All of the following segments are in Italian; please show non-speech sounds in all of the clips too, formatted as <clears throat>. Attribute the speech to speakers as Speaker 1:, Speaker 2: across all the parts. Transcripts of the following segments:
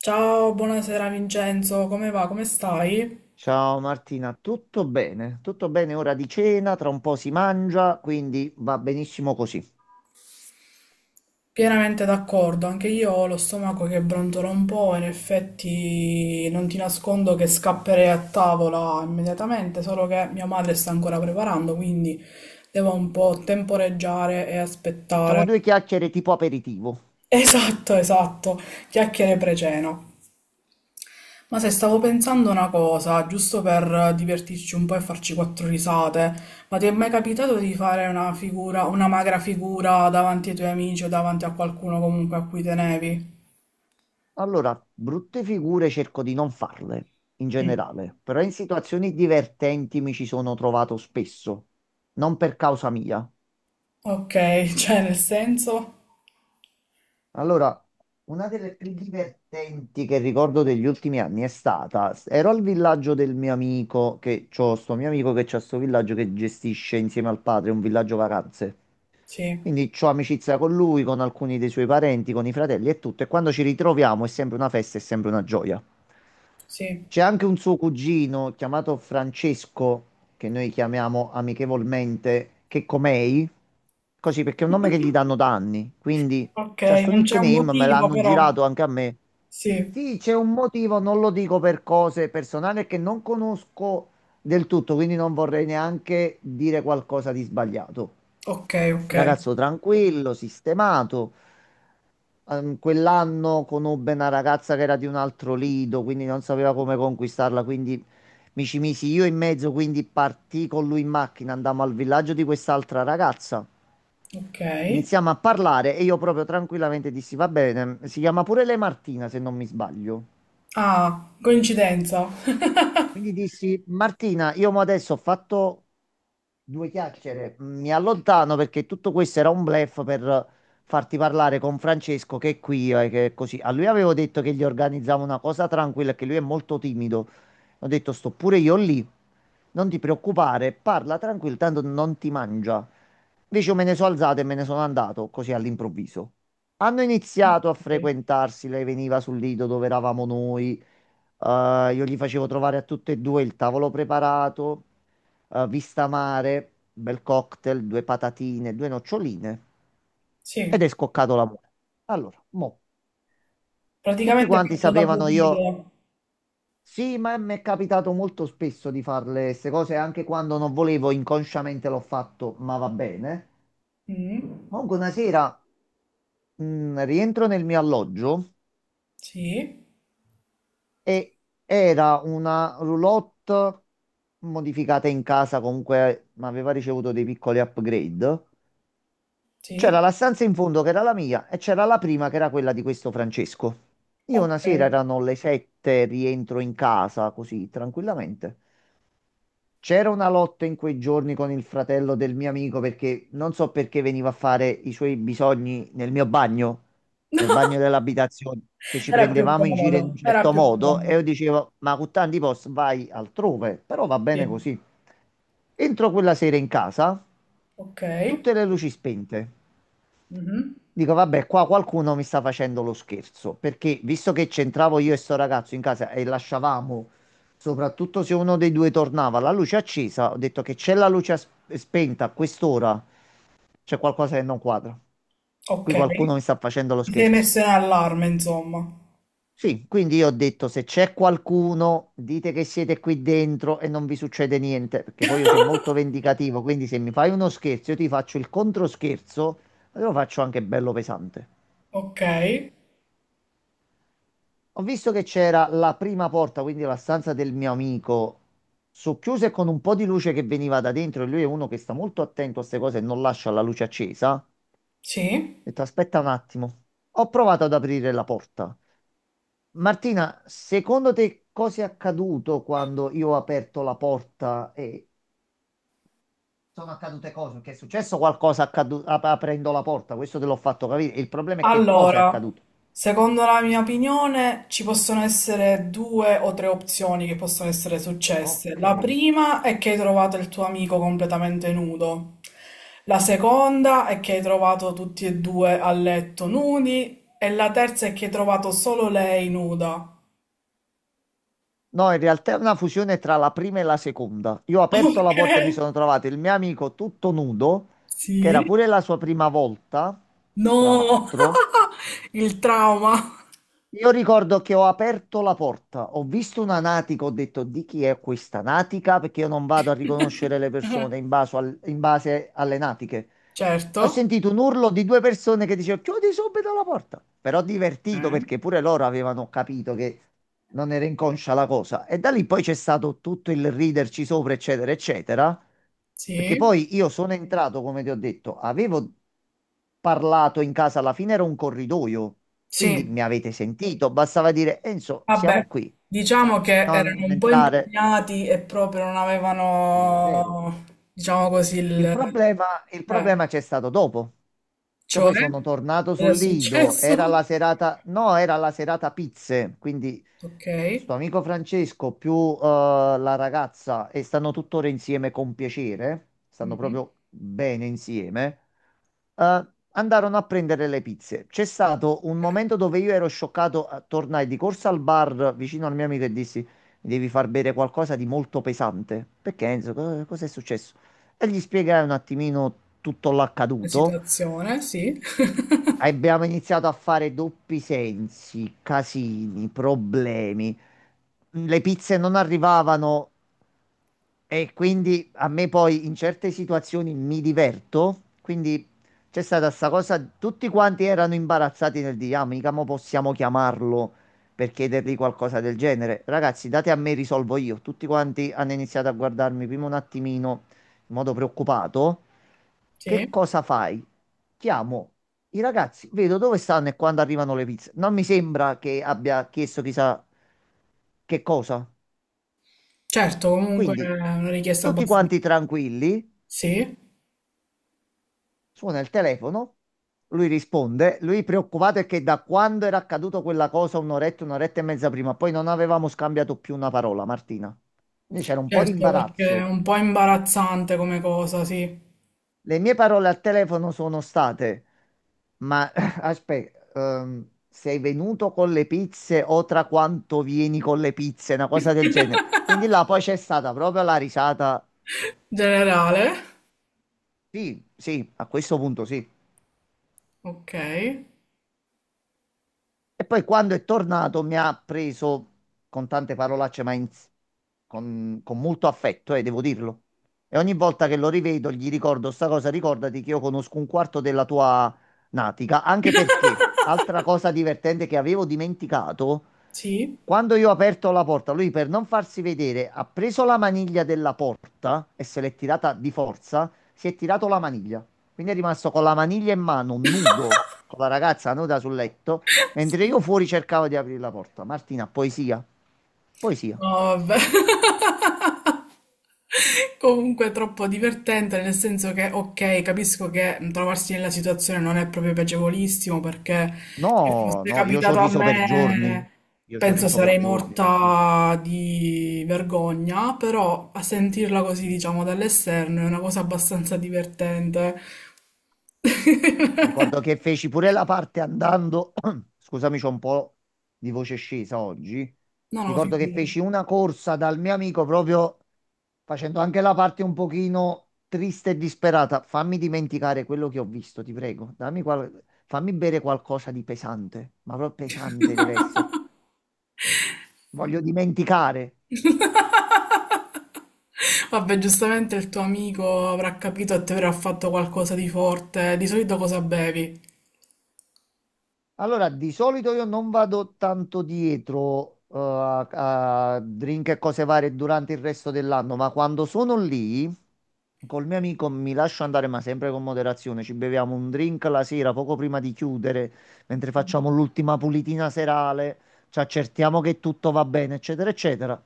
Speaker 1: Ciao, buonasera Vincenzo, come va? Come stai?
Speaker 2: Ciao Martina, tutto bene? Tutto bene, ora di cena, tra un po' si mangia, quindi va benissimo così.
Speaker 1: Pienamente d'accordo, anche io ho lo stomaco che brontola un po', in effetti non ti nascondo che scapperei a tavola immediatamente, solo che mia madre sta ancora preparando, quindi devo un po' temporeggiare e
Speaker 2: Facciamo
Speaker 1: aspettare.
Speaker 2: due
Speaker 1: <laughs>
Speaker 2: chiacchiere tipo aperitivo.
Speaker 1: Esatto, esatto, chiacchiere pre-cena. Ma se stavo pensando una cosa, giusto per divertirci un po' e farci quattro risate, ma ti è mai capitato di fare una figura, una magra figura davanti ai tuoi amici o davanti a qualcuno comunque a cui tenevi?
Speaker 2: Allora, brutte figure cerco di non farle, in
Speaker 1: Mm.
Speaker 2: generale, però in situazioni divertenti mi ci sono trovato spesso, non per causa mia.
Speaker 1: Ok, <laughs> cioè nel senso?
Speaker 2: Allora, una delle più divertenti che ricordo degli ultimi anni è stata, ero al villaggio del mio amico, che c'ho sto mio amico che c'ha sto villaggio che gestisce insieme al padre un villaggio vacanze.
Speaker 1: Sì,
Speaker 2: Quindi ho amicizia con lui, con alcuni dei suoi parenti, con i fratelli e tutto. E quando ci ritroviamo è sempre una festa, è sempre una gioia.
Speaker 1: sì.
Speaker 2: C'è anche un suo cugino chiamato Francesco, che noi chiamiamo amichevolmente Checomei, così perché è un nome che gli danno da
Speaker 1: <laughs>
Speaker 2: anni. Quindi
Speaker 1: Ok,
Speaker 2: c'è sto
Speaker 1: non c'è un
Speaker 2: nickname, me
Speaker 1: motivo
Speaker 2: l'hanno
Speaker 1: però.
Speaker 2: girato anche a me.
Speaker 1: Sì,
Speaker 2: Sì, c'è un motivo, non lo dico per cose personali che non conosco del tutto, quindi non vorrei neanche dire qualcosa di sbagliato.
Speaker 1: ok, ok,
Speaker 2: Ragazzo tranquillo, sistemato. Quell'anno conobbe una ragazza che era di un altro lido, quindi non sapeva come conquistarla, quindi mi ci misi io in mezzo, quindi partì con lui in macchina, andammo al villaggio di quest'altra ragazza.
Speaker 1: ok.
Speaker 2: Iniziamo a parlare e io proprio tranquillamente dissi, va bene, si chiama pure lei Martina se non mi sbaglio.
Speaker 1: Ah, coincidenza.
Speaker 2: Quindi dissi, Martina, io mo adesso ho fatto due chiacchiere. Mi allontano perché tutto questo era un bluff per farti parlare con Francesco che è qui e che è così. A lui avevo detto che gli organizzavo una cosa tranquilla, che lui è molto timido. Ho detto sto pure io lì. Non ti preoccupare, parla tranquillo, tanto non ti mangia. Invece io me ne sono alzato e me ne sono andato così all'improvviso. Hanno iniziato a
Speaker 1: Ok.
Speaker 2: frequentarsi, lei veniva sul lido dove eravamo noi, io gli facevo trovare a tutte e due il tavolo preparato, vista mare, bel cocktail, due patatine, due noccioline, ed è
Speaker 1: Sì,
Speaker 2: scoccato l'amore. Allora, mo, tutti
Speaker 1: praticamente è
Speaker 2: quanti
Speaker 1: fatto da
Speaker 2: sapevano io,
Speaker 1: Cupido.
Speaker 2: sì, ma mi è capitato molto spesso di farle queste cose, anche quando non volevo, inconsciamente l'ho fatto, ma va bene.
Speaker 1: Mm.
Speaker 2: Comunque una sera rientro nel mio alloggio
Speaker 1: Sì.
Speaker 2: e era una roulotte modificata in casa, comunque ma aveva ricevuto dei piccoli upgrade. C'era
Speaker 1: Sì,
Speaker 2: la stanza in fondo che era la mia e c'era la prima che era quella di questo Francesco. Io una
Speaker 1: ok.
Speaker 2: sera erano le sette, rientro in casa così tranquillamente. C'era una lotta in quei giorni con il fratello del mio amico perché non so perché veniva a fare i suoi bisogni nel mio bagno, nel bagno
Speaker 1: <laughs>
Speaker 2: dell'abitazione, che ci
Speaker 1: Era più
Speaker 2: prendevamo in giro in un
Speaker 1: comodo, era
Speaker 2: certo
Speaker 1: più
Speaker 2: modo
Speaker 1: comodo.
Speaker 2: e io dicevo, ma con tanti posti vai altrove, però va bene
Speaker 1: Sì,
Speaker 2: così. Entro quella sera in casa,
Speaker 1: ok.
Speaker 2: tutte le luci spente.
Speaker 1: Mhm.
Speaker 2: Dico, vabbè, qua qualcuno mi sta facendo lo scherzo, perché visto che c'entravo io e sto ragazzo in casa e lasciavamo soprattutto se uno dei due tornava, la luce è accesa, ho detto che c'è la luce spenta a quest'ora, c'è qualcosa che non quadra. Qui
Speaker 1: Ok.
Speaker 2: qualcuno mi sta facendo lo
Speaker 1: Ti sei
Speaker 2: scherzo.
Speaker 1: messo in allarme, insomma.
Speaker 2: Sì, quindi io ho detto se c'è qualcuno, dite che siete qui dentro e non vi succede niente, perché poi io sono molto vendicativo, quindi se mi fai uno scherzo, io ti faccio il controscherzo, e lo faccio anche bello pesante.
Speaker 1: Ok,
Speaker 2: Ho visto che c'era la prima porta, quindi la stanza del mio amico, socchiusa e con un po' di luce che veniva da dentro. E lui è uno che sta molto attento a queste cose e non lascia la luce accesa. Ho
Speaker 1: sì.
Speaker 2: detto, aspetta un attimo. Ho provato ad aprire la porta. Martina, secondo te cosa è accaduto quando io ho aperto la porta e sono accadute cose? Che è successo qualcosa aprendo la porta? Questo te l'ho fatto capire. Il problema è che cosa è
Speaker 1: Allora,
Speaker 2: accaduto.
Speaker 1: secondo la mia opinione ci possono essere due o tre opzioni che possono essere successe.
Speaker 2: Ok.
Speaker 1: La prima è che hai trovato il tuo amico completamente nudo. La seconda è che hai trovato tutti e due a letto nudi. E la terza è che hai trovato solo lei nuda.
Speaker 2: No, in realtà è una fusione tra la prima e la seconda. Io ho aperto la
Speaker 1: <laughs> Ok?
Speaker 2: porta e mi sono trovato il mio amico tutto nudo, che era
Speaker 1: Sì.
Speaker 2: pure la sua prima volta, tra
Speaker 1: No!
Speaker 2: l'altro.
Speaker 1: <laughs> Il trauma.
Speaker 2: Io ricordo che ho aperto la porta, ho visto una natica, ho detto di chi è questa natica, perché io non vado a riconoscere le
Speaker 1: <laughs>
Speaker 2: persone in base, in base alle natiche. Ho
Speaker 1: Certo.
Speaker 2: sentito un urlo di due persone che dicevano chiudi subito la porta. Però divertito
Speaker 1: Eh?
Speaker 2: perché pure loro avevano capito che non era inconscia la cosa. E da lì poi c'è stato tutto il riderci sopra, eccetera, eccetera. Perché
Speaker 1: Sì.
Speaker 2: poi io sono entrato, come ti ho detto, avevo parlato in casa, alla fine era un corridoio. Quindi
Speaker 1: Sì.
Speaker 2: mi avete sentito, bastava dire Enzo,
Speaker 1: Vabbè,
Speaker 2: siamo qui,
Speaker 1: diciamo che erano
Speaker 2: non
Speaker 1: un po'
Speaker 2: entrare.
Speaker 1: impegnati e proprio non
Speaker 2: Quello è vero.
Speaker 1: avevano, diciamo così,
Speaker 2: Il
Speaker 1: il...
Speaker 2: problema, il
Speaker 1: eh,
Speaker 2: problema c'è stato dopo, che
Speaker 1: cioè,
Speaker 2: poi sono tornato
Speaker 1: cosa è
Speaker 2: sul lido,
Speaker 1: successo?
Speaker 2: era la
Speaker 1: <laughs>
Speaker 2: serata, no, era la serata pizze, quindi
Speaker 1: Ok,
Speaker 2: sto amico Francesco più eh, la ragazza, e stanno tuttora insieme con piacere, stanno
Speaker 1: mhm,
Speaker 2: proprio bene insieme, eh, andarono a prendere le pizze. C'è stato un
Speaker 1: ok.
Speaker 2: momento dove io ero scioccato, tornai di corsa al bar vicino al mio amico e dissi, mi devi far bere qualcosa di molto pesante, perché Enzo, cosa è successo? E gli spiegare un attimino tutto
Speaker 1: La
Speaker 2: l'accaduto.
Speaker 1: situazione, sì,
Speaker 2: Abbiamo iniziato a fare doppi sensi, casini, problemi. Le pizze non arrivavano e quindi a me poi in certe situazioni mi diverto. Quindi c'è stata sta cosa, tutti quanti erano imbarazzati nel dire, ah, mica mo possiamo chiamarlo per chiedergli qualcosa del genere. Ragazzi, date a me, risolvo io. Tutti quanti hanno iniziato a guardarmi prima un attimino in modo preoccupato,
Speaker 1: <laughs>
Speaker 2: che
Speaker 1: sì.
Speaker 2: cosa fai? Chiamo i ragazzi, vedo dove stanno e quando arrivano le pizze. Non mi sembra che abbia chiesto chissà che cosa.
Speaker 1: Certo, comunque è
Speaker 2: Quindi,
Speaker 1: una richiesta
Speaker 2: tutti
Speaker 1: abbastanza...
Speaker 2: quanti tranquilli,
Speaker 1: Sì,
Speaker 2: suona il telefono, lui risponde, lui preoccupato è che da quando era accaduto quella cosa, un'oretta, un'oretta e mezza prima, poi non avevamo scambiato più una parola, Martina. Quindi c'era un po' di
Speaker 1: certo, perché è
Speaker 2: imbarazzo.
Speaker 1: un po' imbarazzante come cosa, sì.
Speaker 2: Le mie parole al telefono sono state, ma <laughs> aspetta, sei venuto con le pizze o tra quanto vieni con le pizze, una cosa del genere. Quindi là poi c'è stata proprio la risata.
Speaker 1: Generale,
Speaker 2: Sì, sì, a questo punto sì.
Speaker 1: ok,
Speaker 2: E poi quando è tornato mi ha preso con tante parolacce, ma con molto affetto, devo dirlo. E ogni volta che lo rivedo gli ricordo sta cosa, ricordati che io conosco un quarto della tua natica, anche perché, altra cosa divertente che avevo dimenticato,
Speaker 1: sì.
Speaker 2: quando io ho aperto la porta, lui per non farsi vedere ha preso la maniglia della porta e se l'è tirata di forza, si è tirato la maniglia. Quindi è rimasto con la maniglia in mano, nudo, con la ragazza nuda sul letto.
Speaker 1: <laughs>
Speaker 2: Mentre
Speaker 1: Sì.
Speaker 2: io fuori cercavo di aprire la porta. Martina, poesia? Poesia.
Speaker 1: No, vabbè. <laughs> Comunque è troppo divertente, nel senso che, ok, capisco che trovarsi nella situazione non è proprio piacevolissimo, perché se
Speaker 2: No,
Speaker 1: fosse
Speaker 2: no, io ci ho
Speaker 1: capitato a
Speaker 2: riso per giorni.
Speaker 1: me,
Speaker 2: Io ci ho
Speaker 1: penso
Speaker 2: riso per
Speaker 1: sarei
Speaker 2: giorni, Martina.
Speaker 1: morta di vergogna, però a sentirla così, diciamo, dall'esterno è una cosa abbastanza divertente. <laughs>
Speaker 2: Ricordo che feci pure la parte andando. <clears throat> Scusami, c'ho un po' di voce scesa oggi.
Speaker 1: No, no,
Speaker 2: Ricordo che
Speaker 1: figurati.
Speaker 2: feci una corsa dal mio amico proprio facendo anche la parte un pochino triste e disperata. Fammi dimenticare quello che ho visto, ti prego. Dammi fammi bere qualcosa di pesante, ma proprio pesante deve essere. Voglio dimenticare.
Speaker 1: <laughs> Vabbè, giustamente il tuo amico avrà capito e ti avrà fatto qualcosa di forte. Di solito cosa bevi?
Speaker 2: Allora, di solito io non vado tanto dietro a drink e cose varie durante il resto dell'anno, ma quando sono lì col mio amico mi lascio andare, ma sempre con moderazione. Ci beviamo un drink la sera, poco prima di chiudere, mentre facciamo l'ultima pulitina serale, ci accertiamo che tutto va bene, eccetera, eccetera.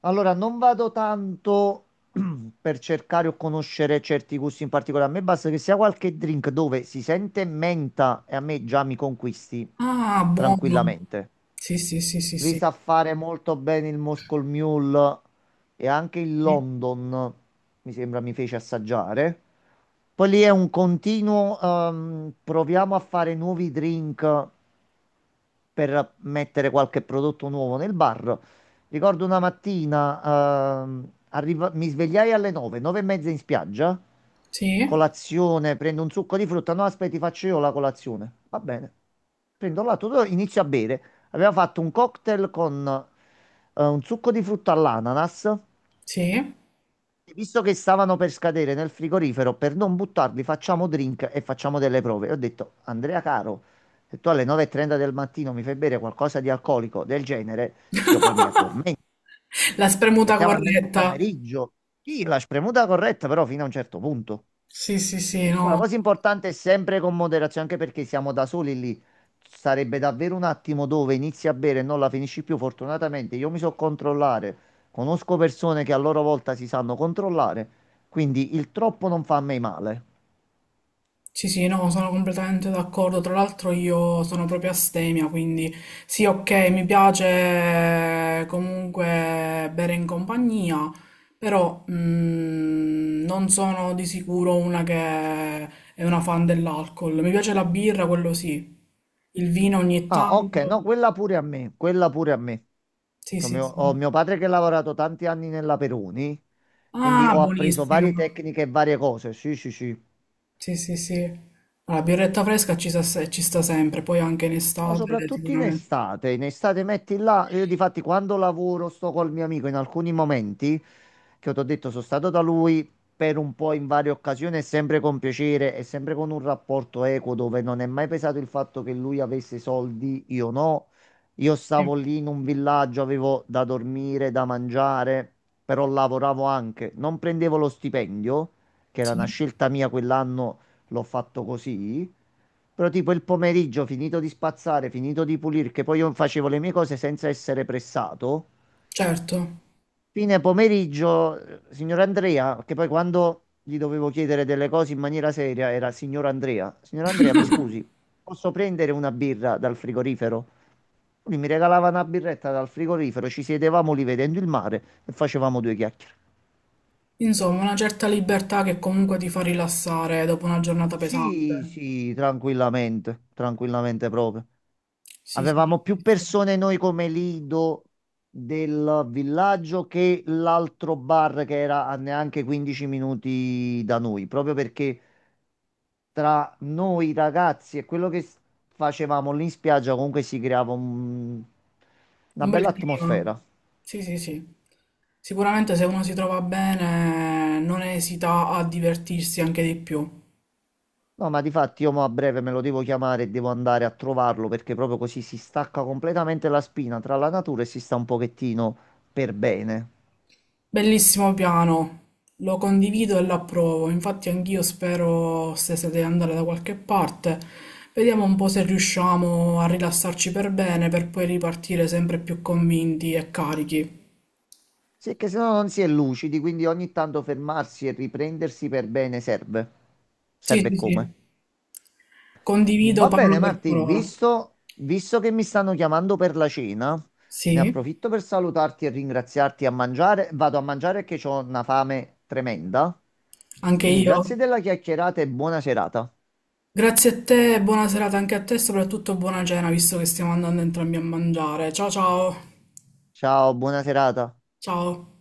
Speaker 2: Allora, non vado tanto <clears throat> per cercare o conoscere certi gusti in particolare. A me basta che sia qualche drink dove si sente menta e a me già mi conquisti
Speaker 1: Ah, buono.
Speaker 2: tranquillamente.
Speaker 1: Sì, sì, sì, sì,
Speaker 2: Li
Speaker 1: sì.
Speaker 2: sa fare molto bene il Moscow Mule e anche il
Speaker 1: Mm.
Speaker 2: London, mi sembra mi fece assaggiare. Poi lì è un continuo, proviamo a fare nuovi drink per mettere qualche prodotto nuovo nel bar. Ricordo una mattina, mi svegliai alle 9, 9 e mezza in spiaggia,
Speaker 1: Sì,
Speaker 2: colazione, prendo un succo di frutta, no aspetta, ti faccio io la colazione. Va bene. Prendo l'atto, inizio a bere. Aveva fatto un cocktail con un succo di frutta all'ananas,
Speaker 1: sì.
Speaker 2: visto che stavano per scadere nel frigorifero, per non buttarli, facciamo drink e facciamo delle prove. E ho detto, Andrea caro, se tu alle 9:30 del mattino mi fai bere qualcosa di alcolico del genere, io poi mi addormento.
Speaker 1: La spremuta
Speaker 2: Aspettiamo almeno il
Speaker 1: corretta.
Speaker 2: pomeriggio. Sì, la spremuta corretta, però fino a un certo punto.
Speaker 1: Sì, sì, sì,
Speaker 2: Poi la
Speaker 1: no.
Speaker 2: cosa importante è sempre con moderazione, anche perché siamo da soli lì. Sarebbe davvero un attimo dove inizi a bere e non la finisci più. Fortunatamente io mi so controllare, conosco persone che a loro volta si sanno controllare, quindi il troppo non fa a me male.
Speaker 1: Sì, sì, no, sono completamente d'accordo. Tra l'altro io sono proprio astemia, quindi sì, ok, mi piace comunque bere in compagnia, però non sono di sicuro una che è una fan dell'alcol. Mi piace la birra, quello sì. Il vino ogni
Speaker 2: Ah, ok,
Speaker 1: tanto.
Speaker 2: no, quella pure a me, quella pure a me.
Speaker 1: Sì,
Speaker 2: Che Ho
Speaker 1: sì,
Speaker 2: mio, ho
Speaker 1: sì.
Speaker 2: mio padre che ha lavorato tanti anni nella Peroni, quindi
Speaker 1: Ah,
Speaker 2: ho appreso
Speaker 1: buonissima.
Speaker 2: varie tecniche e varie cose. Sì, sì, sì.
Speaker 1: Sì, sì, sì. La birretta fresca ci sta, ci sta sempre, poi anche in
Speaker 2: No,
Speaker 1: estate
Speaker 2: soprattutto
Speaker 1: sicuramente.
Speaker 2: in estate metti là, io difatti quando lavoro sto col mio amico in alcuni momenti, che ti ho detto sono stato da lui per un po' in varie occasioni, e sempre con piacere e sempre con un rapporto equo dove non è mai pesato il fatto che lui avesse soldi, io no, io
Speaker 1: Sì,
Speaker 2: stavo lì in un villaggio, avevo da dormire, da mangiare, però lavoravo anche, non prendevo lo stipendio, che era una
Speaker 1: sì,
Speaker 2: scelta mia quell'anno, l'ho fatto così. Però tipo il pomeriggio, finito di spazzare, finito di pulire, che poi io facevo le mie cose senza essere pressato.
Speaker 1: certo.
Speaker 2: Fine pomeriggio, signor Andrea, che poi quando gli dovevo chiedere delle cose in maniera seria era signor Andrea. Signor Andrea, mi scusi, posso prendere una birra dal frigorifero? Lui mi regalava una birretta dal frigorifero, ci sedevamo lì vedendo il mare e facevamo due chiacchiere.
Speaker 1: Insomma, una certa libertà che comunque ti fa rilassare dopo una giornata
Speaker 2: Sì,
Speaker 1: pesante.
Speaker 2: sì, tranquillamente, tranquillamente proprio.
Speaker 1: Sì, sì,
Speaker 2: Avevamo più
Speaker 1: sì, sì.
Speaker 2: persone noi come lido del villaggio che l'altro bar che era a neanche 15 minuti da noi, proprio perché tra noi ragazzi e quello che facevamo lì in spiaggia comunque si creava una
Speaker 1: Un
Speaker 2: bella
Speaker 1: bel clima.
Speaker 2: atmosfera.
Speaker 1: Sì, sì, sì. Sicuramente se uno si trova bene, non esita a divertirsi anche di più.
Speaker 2: No, ma difatti io mo a breve me lo devo chiamare e devo andare a trovarlo perché proprio così si stacca completamente la spina tra la natura e si sta un pochettino per bene.
Speaker 1: Bellissimo piano, lo condivido e l'approvo. Infatti anch'io spero stestate di andare da qualche parte. Vediamo un po' se riusciamo a rilassarci per bene per poi ripartire sempre più convinti e carichi.
Speaker 2: Sì, è che se no non si è lucidi, quindi ogni tanto fermarsi e riprendersi per bene serve.
Speaker 1: Sì,
Speaker 2: Serve
Speaker 1: sì,
Speaker 2: come?
Speaker 1: sì. Condivido
Speaker 2: Va
Speaker 1: parola
Speaker 2: bene,
Speaker 1: per
Speaker 2: Marti,
Speaker 1: parola.
Speaker 2: visto che mi stanno chiamando per la cena, ne
Speaker 1: Sì,
Speaker 2: approfitto per salutarti e ringraziarti a mangiare. Vado a mangiare che ho una fame tremenda.
Speaker 1: anche
Speaker 2: Quindi
Speaker 1: io.
Speaker 2: grazie della chiacchierata e buona serata.
Speaker 1: Grazie a te, buona serata anche a te, soprattutto buona cena, visto che stiamo andando entrambi a mangiare. Ciao ciao.
Speaker 2: Ciao, buona serata.
Speaker 1: Ciao.